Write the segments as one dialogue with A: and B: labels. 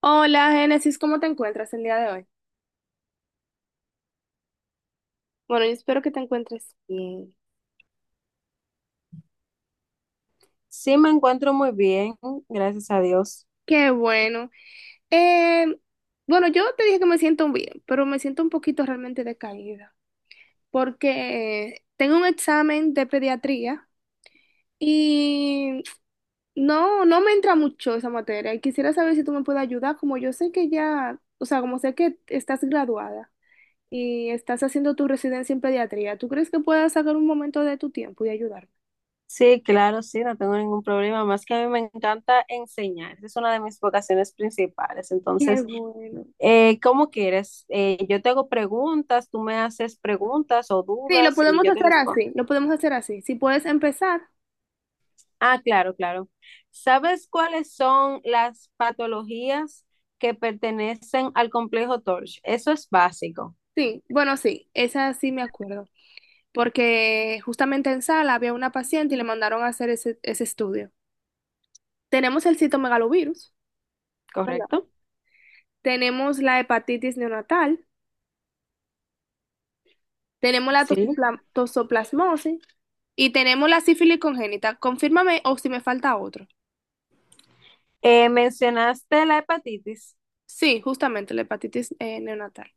A: Hola, Génesis, ¿cómo te encuentras el día de hoy? Bueno, yo espero que te encuentres bien.
B: Sí, me encuentro muy bien, gracias a Dios.
A: Qué bueno. Eh, bueno, yo te dije que me siento bien, pero me siento un poquito realmente decaída porque tengo un examen de pediatría y no me entra mucho esa materia y quisiera saber si tú me puedes ayudar, como yo sé que ya, o sea, como sé que estás graduada y estás haciendo tu residencia en pediatría, ¿tú crees que puedas sacar un momento de tu tiempo y ayudarme?
B: Sí, claro, sí, no tengo ningún problema, más que a mí me encanta enseñar, esa es una de mis vocaciones principales.
A: Qué
B: Entonces,
A: bueno.
B: ¿cómo quieres? Yo te hago preguntas, tú me haces preguntas o
A: Sí, lo
B: dudas y
A: podemos
B: yo te
A: hacer
B: respondo.
A: así, lo podemos hacer así. Si puedes empezar,
B: Ah, claro, claro. ¿Sabes cuáles son las patologías que pertenecen al complejo Torch? Eso es básico,
A: sí, bueno, sí, esa sí me acuerdo, porque justamente en sala había una paciente y le mandaron a hacer ese estudio. Tenemos el citomegalovirus, ¿verdad?
B: ¿correcto?
A: Tenemos la hepatitis neonatal, tenemos la
B: Sí.
A: tosoplasmosis y tenemos la sífilis congénita. Confírmame o si me falta otro.
B: Mencionaste la hepatitis.
A: Sí, justamente la hepatitis neonatal.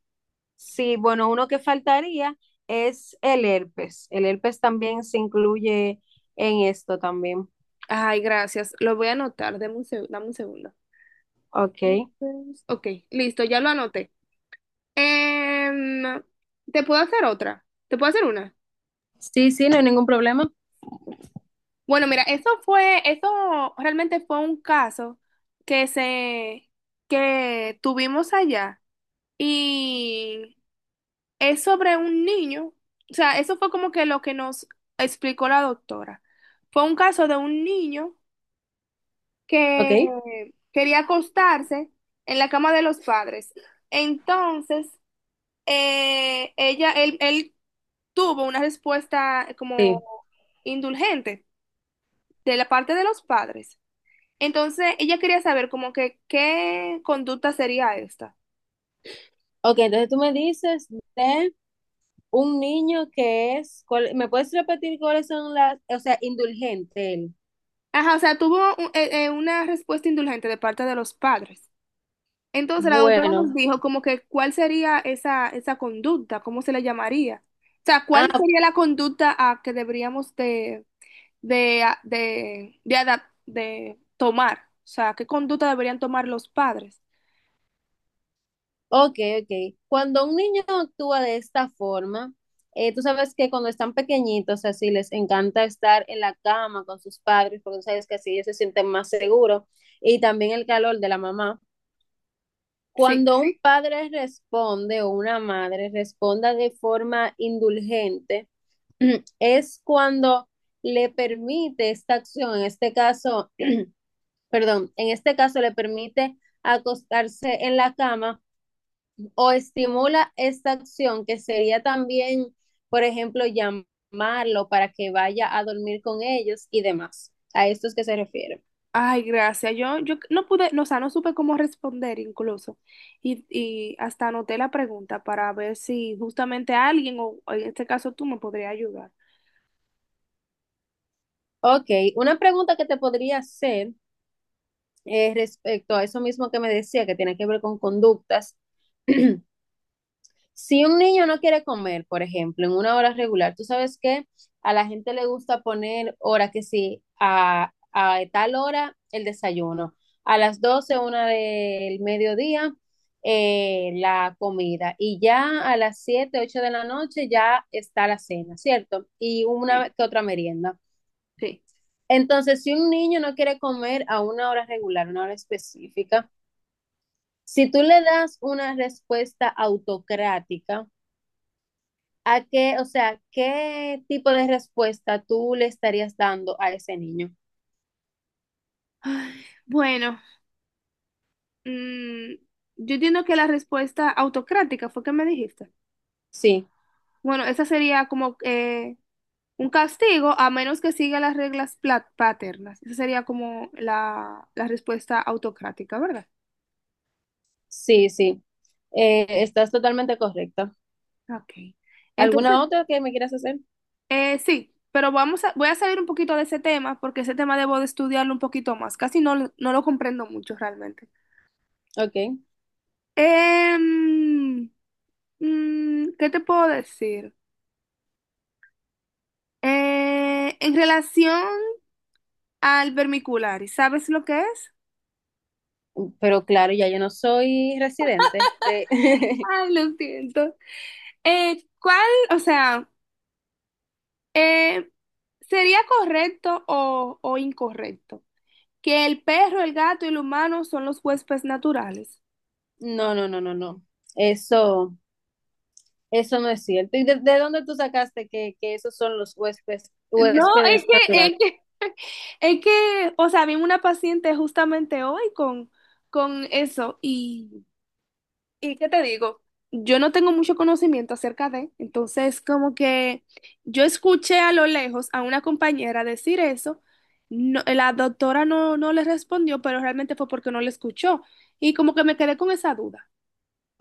B: Sí, bueno, uno que faltaría es el herpes. El herpes también se incluye en esto también.
A: Ay, gracias, lo voy a anotar, dame un, dame un segundo.
B: Ok.
A: Entonces, Ok, listo, ya lo anoté. Em, Te puedo hacer otra. Te puedo hacer una.
B: Sí, sí, no hay ningún problema.
A: Bueno, mira, eso fue, eso realmente fue un caso que se, que tuvimos allá y es sobre un niño. O sea, eso fue como que lo que nos explicó la doctora. Fue un caso de un niño
B: Ok,
A: que quería acostarse en la cama de los padres. Entonces, ella, él tuvo una respuesta como
B: sí.
A: indulgente de la parte de los padres. Entonces, ella quería saber como que qué conducta sería esta.
B: Ok, entonces tú me dices de un niño que es, ¿me puedes repetir cuáles son las, o sea, indulgente él?
A: Ajá, o sea, tuvo una respuesta indulgente de parte de los padres. Entonces, la doctora nos
B: Bueno.
A: dijo como que cuál sería esa conducta, cómo se le llamaría. O sea, cuál
B: Ah,
A: sería la conducta a que deberíamos de, a- de, de, adap- de tomar, o sea, qué conducta deberían tomar los padres.
B: ok, ok. Cuando un niño actúa de esta forma, tú sabes que cuando están pequeñitos, así les encanta estar en la cama con sus padres, porque tú sabes que así ellos se sienten más seguros y también el calor de la mamá.
A: Sí.
B: Cuando un padre responde o una madre responda de forma indulgente, es cuando le permite esta acción, en este caso, perdón, en este caso le permite acostarse en la cama o estimula esta acción que sería también, por ejemplo, llamarlo para que vaya a dormir con ellos y demás. A esto es que se refiere.
A: Ay, gracias. Yo no pude, no, o sea, no supe cómo responder incluso. Y hasta anoté la pregunta para ver si justamente alguien, o en este caso tú, me podría ayudar.
B: Ok, una pregunta que te podría hacer respecto a eso mismo que me decía, que tiene que ver con conductas. Si un niño no quiere comer, por ejemplo, en una hora regular, tú sabes que a la gente le gusta poner hora que sí, a tal hora el desayuno, a las 12 una del mediodía, la comida, y ya a las 7 8 de la noche ya está la cena, ¿cierto? Y
A: Sí.
B: una que otra merienda.
A: Sí.
B: Entonces, si un niño no quiere comer a una hora regular, una hora específica, si tú le das una respuesta autocrática, ¿a qué, o sea, qué tipo de respuesta tú le estarías dando a ese niño?
A: Ay, bueno, mm, yo entiendo que la respuesta autocrática fue que me dijiste.
B: Sí,
A: Bueno, esa sería como un castigo a menos que siga las reglas paternas. Esa sería como la respuesta autocrática, ¿verdad?
B: sí, sí. Estás totalmente correcta.
A: Ok. Entonces,
B: ¿Alguna otra que me quieras hacer?
A: sí, pero vamos a, voy a salir un poquito de ese tema porque ese tema debo de estudiarlo un poquito más. Casi no, no lo comprendo mucho realmente.
B: Ok.
A: Em, ¿Qué te puedo decir? En relación al vermicular, ¿sabes lo que es?
B: Pero claro, ya yo no soy residente de...
A: Ay, lo siento. ¿Cuál? O sea... Eh, ¿sería correcto o incorrecto que el perro, el gato y el humano son los huéspedes naturales?
B: No, no, no, no, no. Eso, eso no es cierto. ¿Y de dónde tú sacaste que esos son los huéspedes,
A: No, es
B: huéspedes
A: que,
B: naturales?
A: es que, es que, o sea, vi una paciente justamente hoy con eso y ¿qué te digo? Yo no tengo mucho conocimiento acerca de, entonces como que yo escuché a lo lejos a una compañera decir eso, no- la doctora no le respondió, pero realmente fue porque no le escuchó y como que me quedé con esa duda.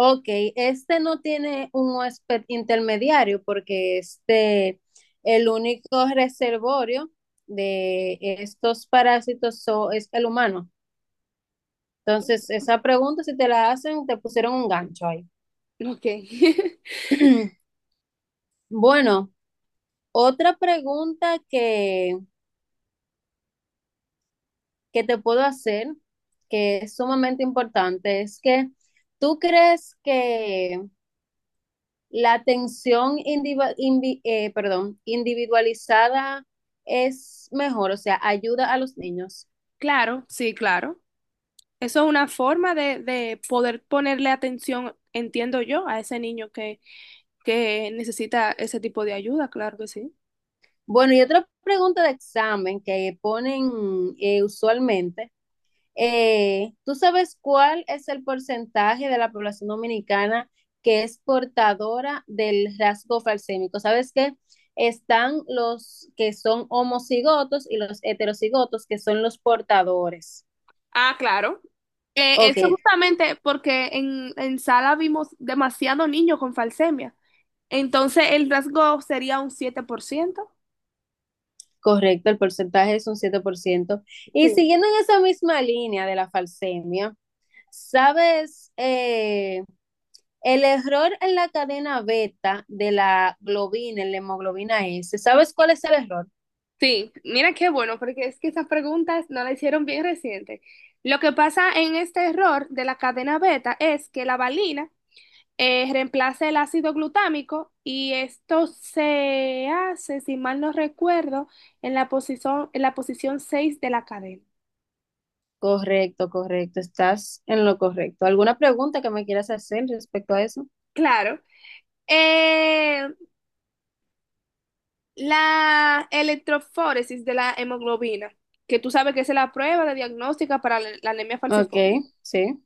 B: Ok, este no tiene un huésped intermediario porque este, el único reservorio de estos parásitos es el humano. Entonces, esa pregunta, si te la hacen, te pusieron un gancho ahí.
A: Ok.
B: Bueno, otra pregunta que te puedo hacer, que es sumamente importante, es que ¿tú crees que la atención individual, perdón, individualizada es mejor, o sea, ayuda a los niños?
A: Claro, sí, claro. Eso es una forma de poder ponerle atención, entiendo yo, a ese niño que necesita ese tipo de ayuda, claro que sí.
B: Bueno, y otra pregunta de examen que ponen usualmente, ¿tú sabes cuál es el porcentaje de la población dominicana que es portadora del rasgo falsémico? ¿Sabes qué? Están los que son homocigotos y los heterocigotos, que son los portadores.
A: Ah, claro.
B: Ok,
A: Eso justamente porque en sala vimos demasiado niño con falsemia. Entonces el rasgo sería un 7%.
B: correcto, el porcentaje es un 7%. Y
A: Sí.
B: siguiendo en esa misma línea de la falsemia, ¿sabes? El error en la cadena beta de la globina, en la hemoglobina S, ¿sabes cuál es el error?
A: Sí, mira qué bueno, porque es que esas preguntas no la hicieron bien reciente. Lo que pasa en este error de la cadena beta es que la valina reemplaza el ácido glutámico y esto se hace, si mal no recuerdo, en la posición 6 de la cadena.
B: Correcto, correcto, estás en lo correcto. ¿Alguna pregunta que me quieras hacer respecto a eso?
A: Claro, eh, la electroforesis de la hemoglobina, que tú sabes que es la prueba de diagnóstica para la la anemia
B: Ok,
A: falciforme,
B: sí.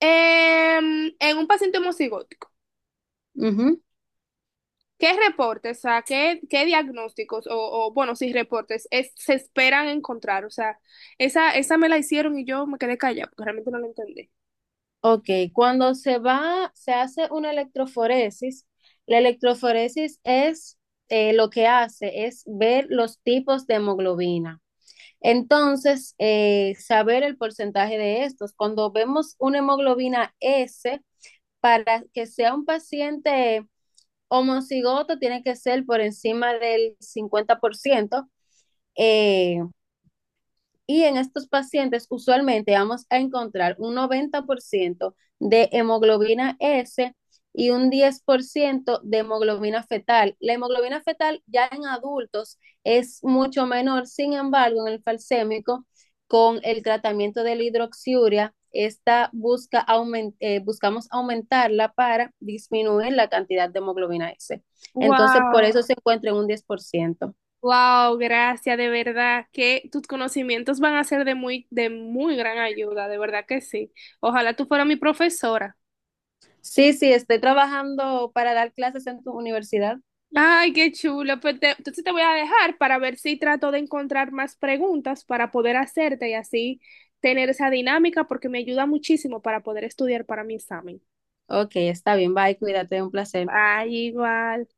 A: Em, en un paciente homocigótico. ¿Qué reportes, o sea, qué, qué diagnósticos o, bueno, sí, reportes se esperan encontrar? O sea, esa me la hicieron y yo me quedé callada porque realmente no la entendí.
B: Ok, cuando se va, se hace una electroforesis, la electroforesis es lo que hace es ver los tipos de hemoglobina. Entonces, saber el porcentaje de estos. Cuando vemos una hemoglobina S, para que sea un paciente homocigoto, tiene que ser por encima del 50%. eh, y en estos pacientes usualmente vamos a encontrar un 90% de hemoglobina S y un 10% de hemoglobina fetal. La hemoglobina fetal ya en adultos es mucho menor, sin embargo, en el falsémico, con el tratamiento de la hidroxiuria, esta busca aument buscamos aumentarla para disminuir la cantidad de hemoglobina S. Entonces, por eso
A: Wow,
B: se encuentra en un 10%.
A: wow, gracias, de verdad que tus conocimientos van a ser de muy gran ayuda, de verdad que sí. Ojalá tú fueras mi profesora.
B: Sí, sí, estoy trabajando para dar clases en tu universidad.
A: Ay, qué chulo. Pues entonces te voy a dejar para ver si trato de encontrar más preguntas para poder hacerte y así tener esa dinámica porque me ayuda muchísimo para poder estudiar para mi examen.
B: Ok, está bien, bye, cuídate, un placer.
A: Ay, igual.